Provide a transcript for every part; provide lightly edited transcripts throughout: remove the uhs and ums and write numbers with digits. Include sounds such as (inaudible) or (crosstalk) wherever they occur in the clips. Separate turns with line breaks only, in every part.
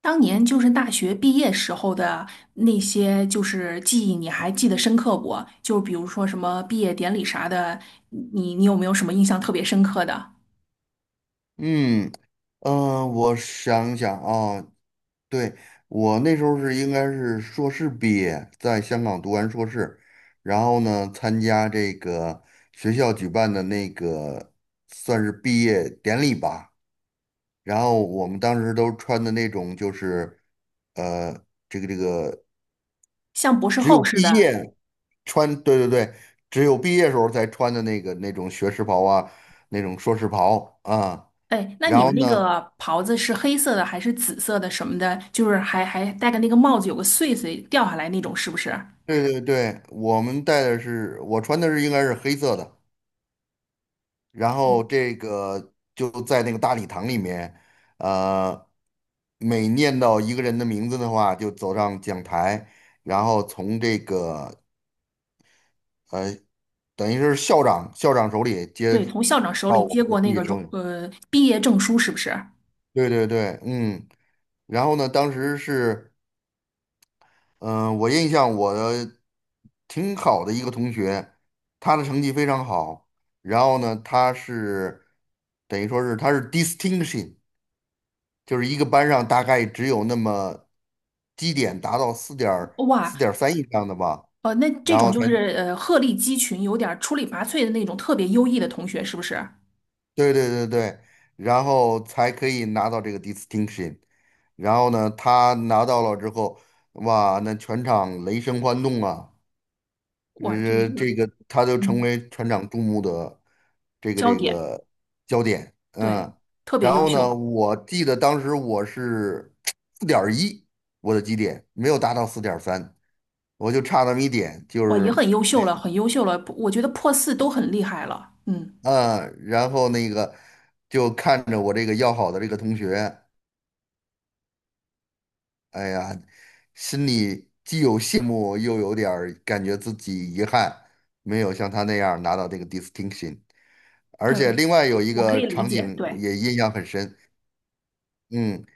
当年就是大学毕业时候的那些，就是记忆，你还记得深刻不？就比如说什么毕业典礼啥的，你有没有什么印象特别深刻的？
嗯。我想想啊，对，我那时候应该是硕士毕业，在香港读完硕士。然后呢，参加这个学校举办的那个算是毕业典礼吧。然后我们当时都穿的那种就是呃，这个
像博士
只有
后似
毕
的。
业穿，对对对，只有毕业时候才穿的那种学士袍啊，那种硕士袍啊。
哎，那
然
你
后
们那
呢？
个袍子是黑色的还是紫色的什么的？就是还戴个那个帽子，有个穗穗掉下来那种，是不是？
对对对，我穿的应该是黑色的。然后
嗯，
这个就在那个大礼堂里面，呃，每念到一个人的名字的话，就走上讲台，然后从这个呃，等于是校长手里接
对，从校长手
到
里
我
接
们的
过
毕
那
业
个
手里，
毕业证书，是不是？
对对对。嗯，然后呢，当时是。嗯，我印象我的挺好的一个同学，他的成绩非常好。然后呢，等于说是他是 distinction,就是一个班上大概只有那么基点达到四点四
哇，
点三以上的吧，
那这
然
种
后
就
才
是鹤立鸡群，有点儿出类拔萃的那种特别优异的同学，是不是？
对对对对，然后才可以拿到这个 distinction。然后呢，他拿到了之后，哇，那全场雷声欢动啊！
哇，就是
这个他就成
嗯，
为船长注目的这个
焦
这
点，
个焦点。
对，
嗯，
特别
然
优
后呢，
秀。
我记得当时我是4.1，我的基点没有达到四点三，我就差那么一点，就
哇，也
是。
很优秀了，很优秀了，我觉得破四都很厉害了，嗯
嗯，然后那个就看着我这个要好的这个同学，哎呀，心里既有羡慕，又有点儿感觉自己遗憾，没有像他那样拿到这个 distinction。而且
嗯，
另外有一
我可
个
以理
场
解，
景
对。
也印象很深。嗯，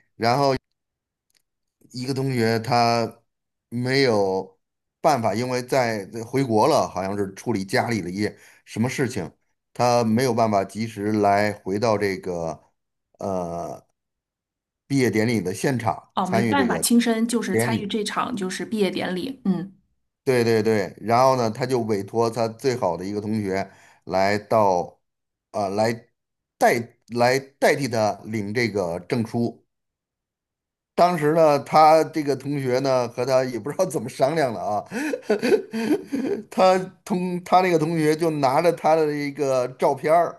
一个同学他没有办法，因为在回国了，好像是处理家里的一些什么事情，他没有办法及时来回到这个呃毕业典礼的现场
哦，没
参与
办
这
法，
个
亲身就是
典
参与
礼。
这场就是毕业典礼，嗯。
对对对，然后呢，他就委托他最好的一个同学来到，呃，来来代替他领这个证书。当时呢，他这个同学呢和他也不知道怎么商量了啊，(laughs) 他同他那个同学就拿着他的一个照片儿，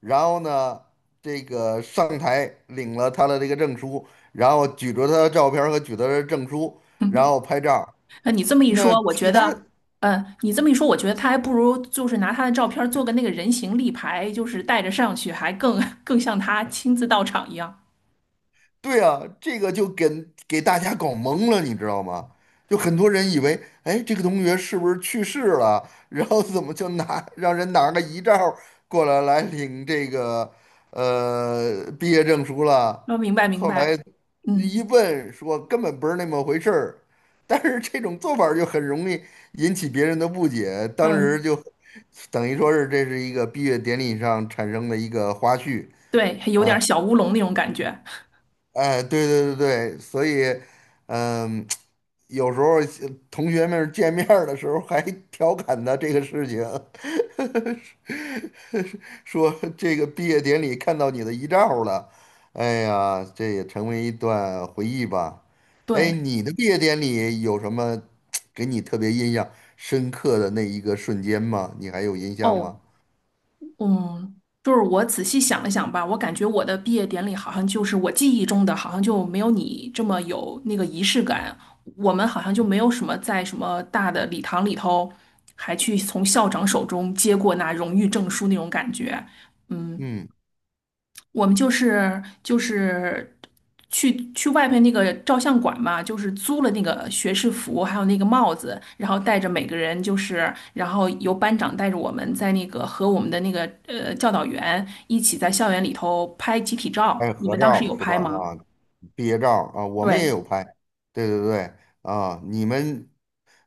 然后呢，这个上台领了他的这个证书，然后举着他的照片儿和举着他的证书，然后拍照儿，
那你这么一
那
说，我觉
其他
得，嗯，你这么一说，我觉得他还不如就是拿他的照片儿做个那个人形立牌，就是带着上去，还更 (laughs) 更像他亲自到场一样。
对啊，这个就给大家搞懵了，你知道吗？就很多人以为，哎，这个同学是不是去世了？(laughs) 然后怎么就让人拿个遗照过来领这个毕业证书了？
哦，明白明
后来
白，
一
嗯
问说根本不是那么回事儿，但是这种做法儿就很容易引起别人的不解，
嗯，
当时就等于说是这是一个毕业典礼上产生的一个花絮。
对，还有点儿小乌龙那种感觉，
哎，对对对对，所以。嗯，(tsk) 有时候同学们见面儿的时候还调侃他这个事情。(laughs) 说这个毕业典礼看到你的遗照了，哎呀，这也成为一段回忆吧。哎，
对。
你的毕业典礼有什么 (tsk) 给你特别印象深刻的那一个瞬间吗？你还有印象
哦，
吗？
嗯，就是我仔细想了想吧，我感觉我的毕业典礼好像就是我记忆中的，好像就没有你这么有那个仪式感。我们好像就没有什么在什么大的礼堂里头，还去从校长手中接过那荣誉证书那种感觉。嗯，
嗯，
我们就是去外面那个照相馆嘛，就是租了那个学士服，还有那个帽子，然后带着每个人就是，然后由班长带着我们在那个和我们的那个教导员一起在校园里头拍集体
还
照。
有
你
合
们当时
照
有
是吧？
拍吗？
啊，毕业照儿啊，我们也
对。
有拍，对对对。啊，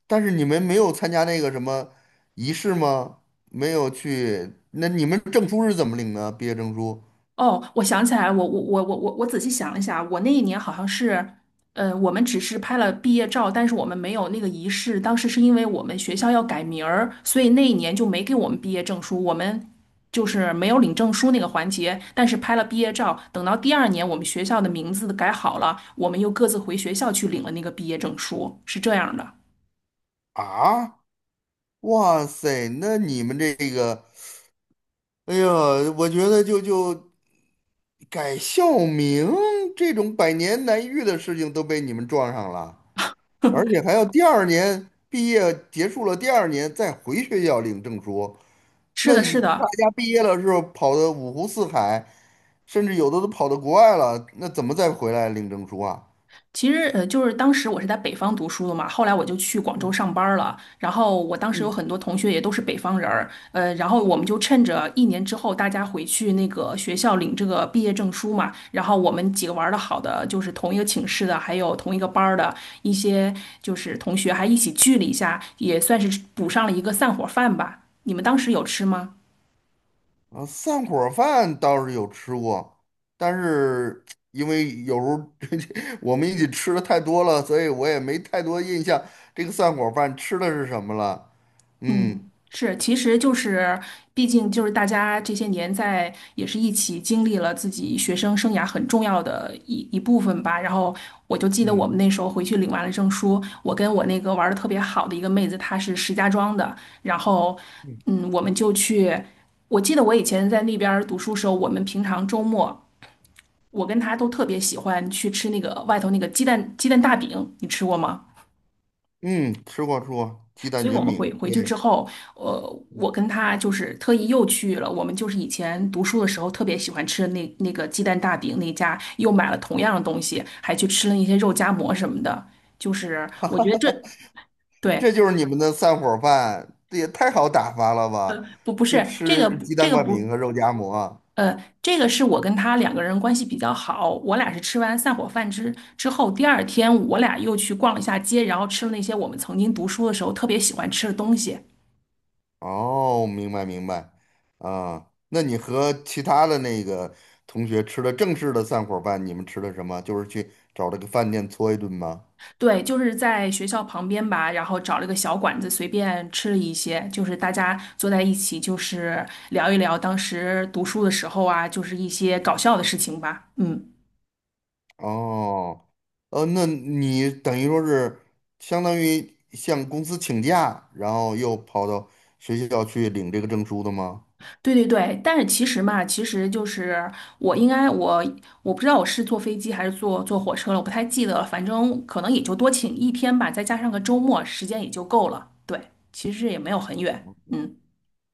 但是你们没有参加那个什么仪式吗？没有去，那你们证书是怎么领的？毕业证书
哦，我想起来了我仔细想了一下，我那一年好像是，呃，我们只是拍了毕业照，但是我们没有那个仪式。当时是因为我们学校要改名儿，所以那一年就没给我们毕业证书，我们就是没有领证书那个环节，但是拍了毕业照。等到第二年我们学校的名字改好了，我们又各自回学校去领了那个毕业证书，是这样的。
啊？哇塞，那你们这个，哎呀，我觉得就改校名这种百年难遇的事情都被你们撞上了，而且还要第二年毕业结束了，第二年再回学校领证书。
是
那
的，是
大
的。
家毕业了之后跑的五湖四海，甚至有的都跑到国外了，那怎么再回来领证书啊？
其实，呃，就是当时我是在北方读书的嘛，后来我就去广州
嗯
上班儿了。然后我当时有
嗯
很多同学也都是北方人儿，呃，然后我们就趁着一年之后大家回去那个学校领这个毕业证书嘛，然后我们几个玩儿的好的，就是同一个寝室的，还有同一个班儿的一些就是同学，还一起聚了一下，也算是补上了一个散伙饭吧。你们当时有吃吗？
啊，散伙儿饭倒是有吃过，但是因为有时候 (laughs) 我们一起吃的太多了，所以我也没太多印象这个散伙儿饭吃的是什么了。嗯
嗯，是，其实就是，毕竟就是大家这些年在也是一起经历了自己学生生涯很重要的一部分吧。然后我就记得我
嗯
们那时候回去领完了证书，我跟我那个玩的特别好的一个妹子，她是石家庄的，然后
嗯，
嗯，我们就去。我记得我以前在那边儿读书时候，我们平常周末，我跟她都特别喜欢去吃那个外头那个鸡蛋大饼，你吃过吗？
嗯，吃过吃过鸡蛋
所以我
卷
们
饼，
回去之
对。
后，呃，我
嗯，
跟他就是特意又去了，我们就是以前读书的时候特别喜欢吃的那个鸡蛋大饼那家，又买了同样的东西，还去吃了一些肉夹馍什么的。就是我觉得这对，
这就是你们的散伙饭，这也太好打发了
呃，
吧？
不不
就
是这
吃
个不
鸡
这
蛋
个
灌饼
不。
和肉夹馍。
呃，这个是我跟他两个人关系比较好，我俩是吃完散伙饭之后，第二天我俩又去逛了一下街，然后吃了那些我们曾经读书的时候特别喜欢吃的东西。
哦，明白明白。啊，那你和其他的那个同学吃的正式的散伙饭，你们吃的什么？就是去找了个饭店搓一顿吗？
对，就是在学校旁边吧，然后找了个小馆子，随便吃了一些，就是大家坐在一起，就是聊一聊当时读书的时候啊，就是一些搞笑的事情吧。嗯，
哦，那你等于说是相当于向公司请假，然后又跑到学校去领这个证书的吗？
对对对。但是其实嘛，其实就是我应该我我不知道我是坐飞机还是坐火车了，我不太记得了。反正可能也就多请一天吧，再加上个周末，时间也就够了。对，其实也没有很远。嗯。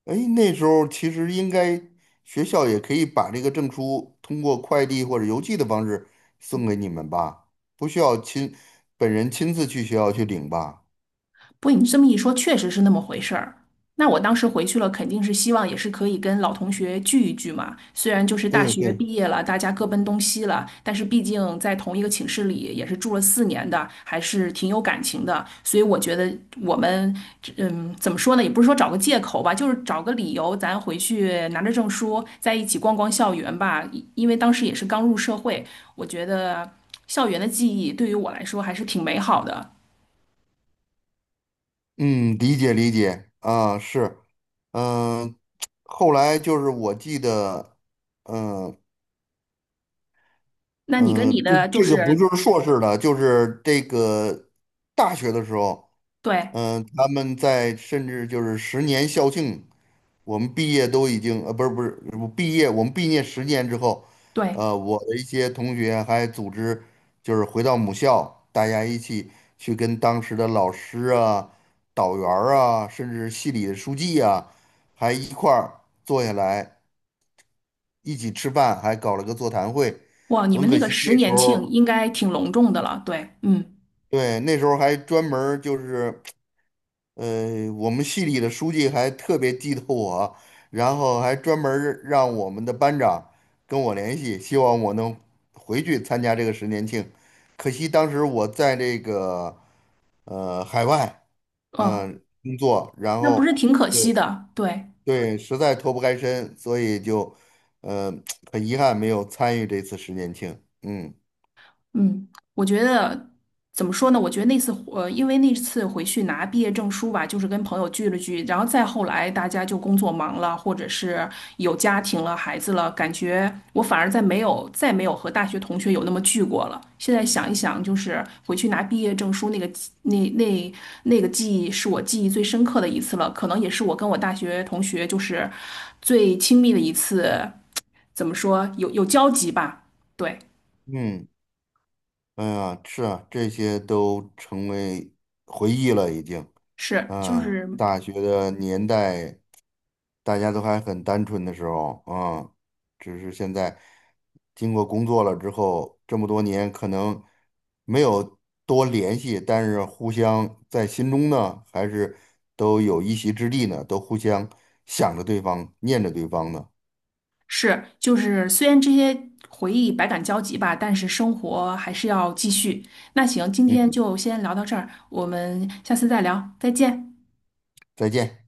哎，那时候其实应该学校也可以把这个证书通过快递或者邮寄的方式送给你们吧，不需要本人亲自去学校去领吧。
不过你这么一说，确实是那么回事儿。那我当时回去了，肯定是希望也是可以跟老同学聚一聚嘛。虽然就是大
对
学
对，
毕业了，大家各奔东西了，但是毕竟在同一个寝室里也是住了4年的，还是挺有感情的。所以我觉得我们，嗯，怎么说呢？也不是说找个借口吧，就是找个理由，咱回去拿着证书在一起逛逛校园吧。因为当时也是刚入社会，我觉得校园的记忆对于我来说还是挺美好的。
嗯，理解理解啊，是。嗯、后来就是我记得。嗯、
那你跟你
嗯、这
的就
这个不
是
就是硕士的，就是这个大学的时候。
对
嗯，他们在甚至就是十年校庆，我们毕业都已经不是不是，我们毕业十年之后。
对，
我的一些同学还组织就是回到母校，大家一起去跟当时的老师啊、导员儿啊，甚至系里的书记啊，还一块儿坐下来一起吃饭，还搞了个座谈会。
哇，你
很
们那
可
个
惜那
十
时
年庆
候，
应该挺隆重的了，对，嗯。
对，那时候还专门儿就是。我们系里的书记还特别记得我，然后还专门儿让我们的班长跟我联系，希望我能回去参加这个十年庆。可惜当时我在这个海外
哦，
工作，然
那不
后
是挺可
就，
惜的，对。
对，实在脱不开身，所以就呃很遗憾没有参与这次十年庆。嗯
嗯，我觉得怎么说呢？我觉得那次因为那次回去拿毕业证书吧，就是跟朋友聚了聚，然后再后来大家就工作忙了，或者是有家庭了、孩子了，感觉我反而再没有和大学同学有那么聚过了。现在想一想，就是回去拿毕业证书那个记那那那个记忆，是我记忆最深刻的一次了，可能也是我跟我大学同学就是最亲密的一次，怎么说有交集吧？对，
嗯。哎呀，是啊，这些都成为回忆了，已经。
是就
嗯，
是。
大学的年代，大家都还很单纯的时候，只是现在经过工作了之后，这么多年可能没有多联系，但是互相在心中呢，还是都有一席之地呢，都互相想着对方，念着对方呢。
是，就是虽然这些回忆百感交集吧，但是生活还是要继续。那行，今天
嗯，
就先聊到这儿，我们下次再聊，再见。
再见。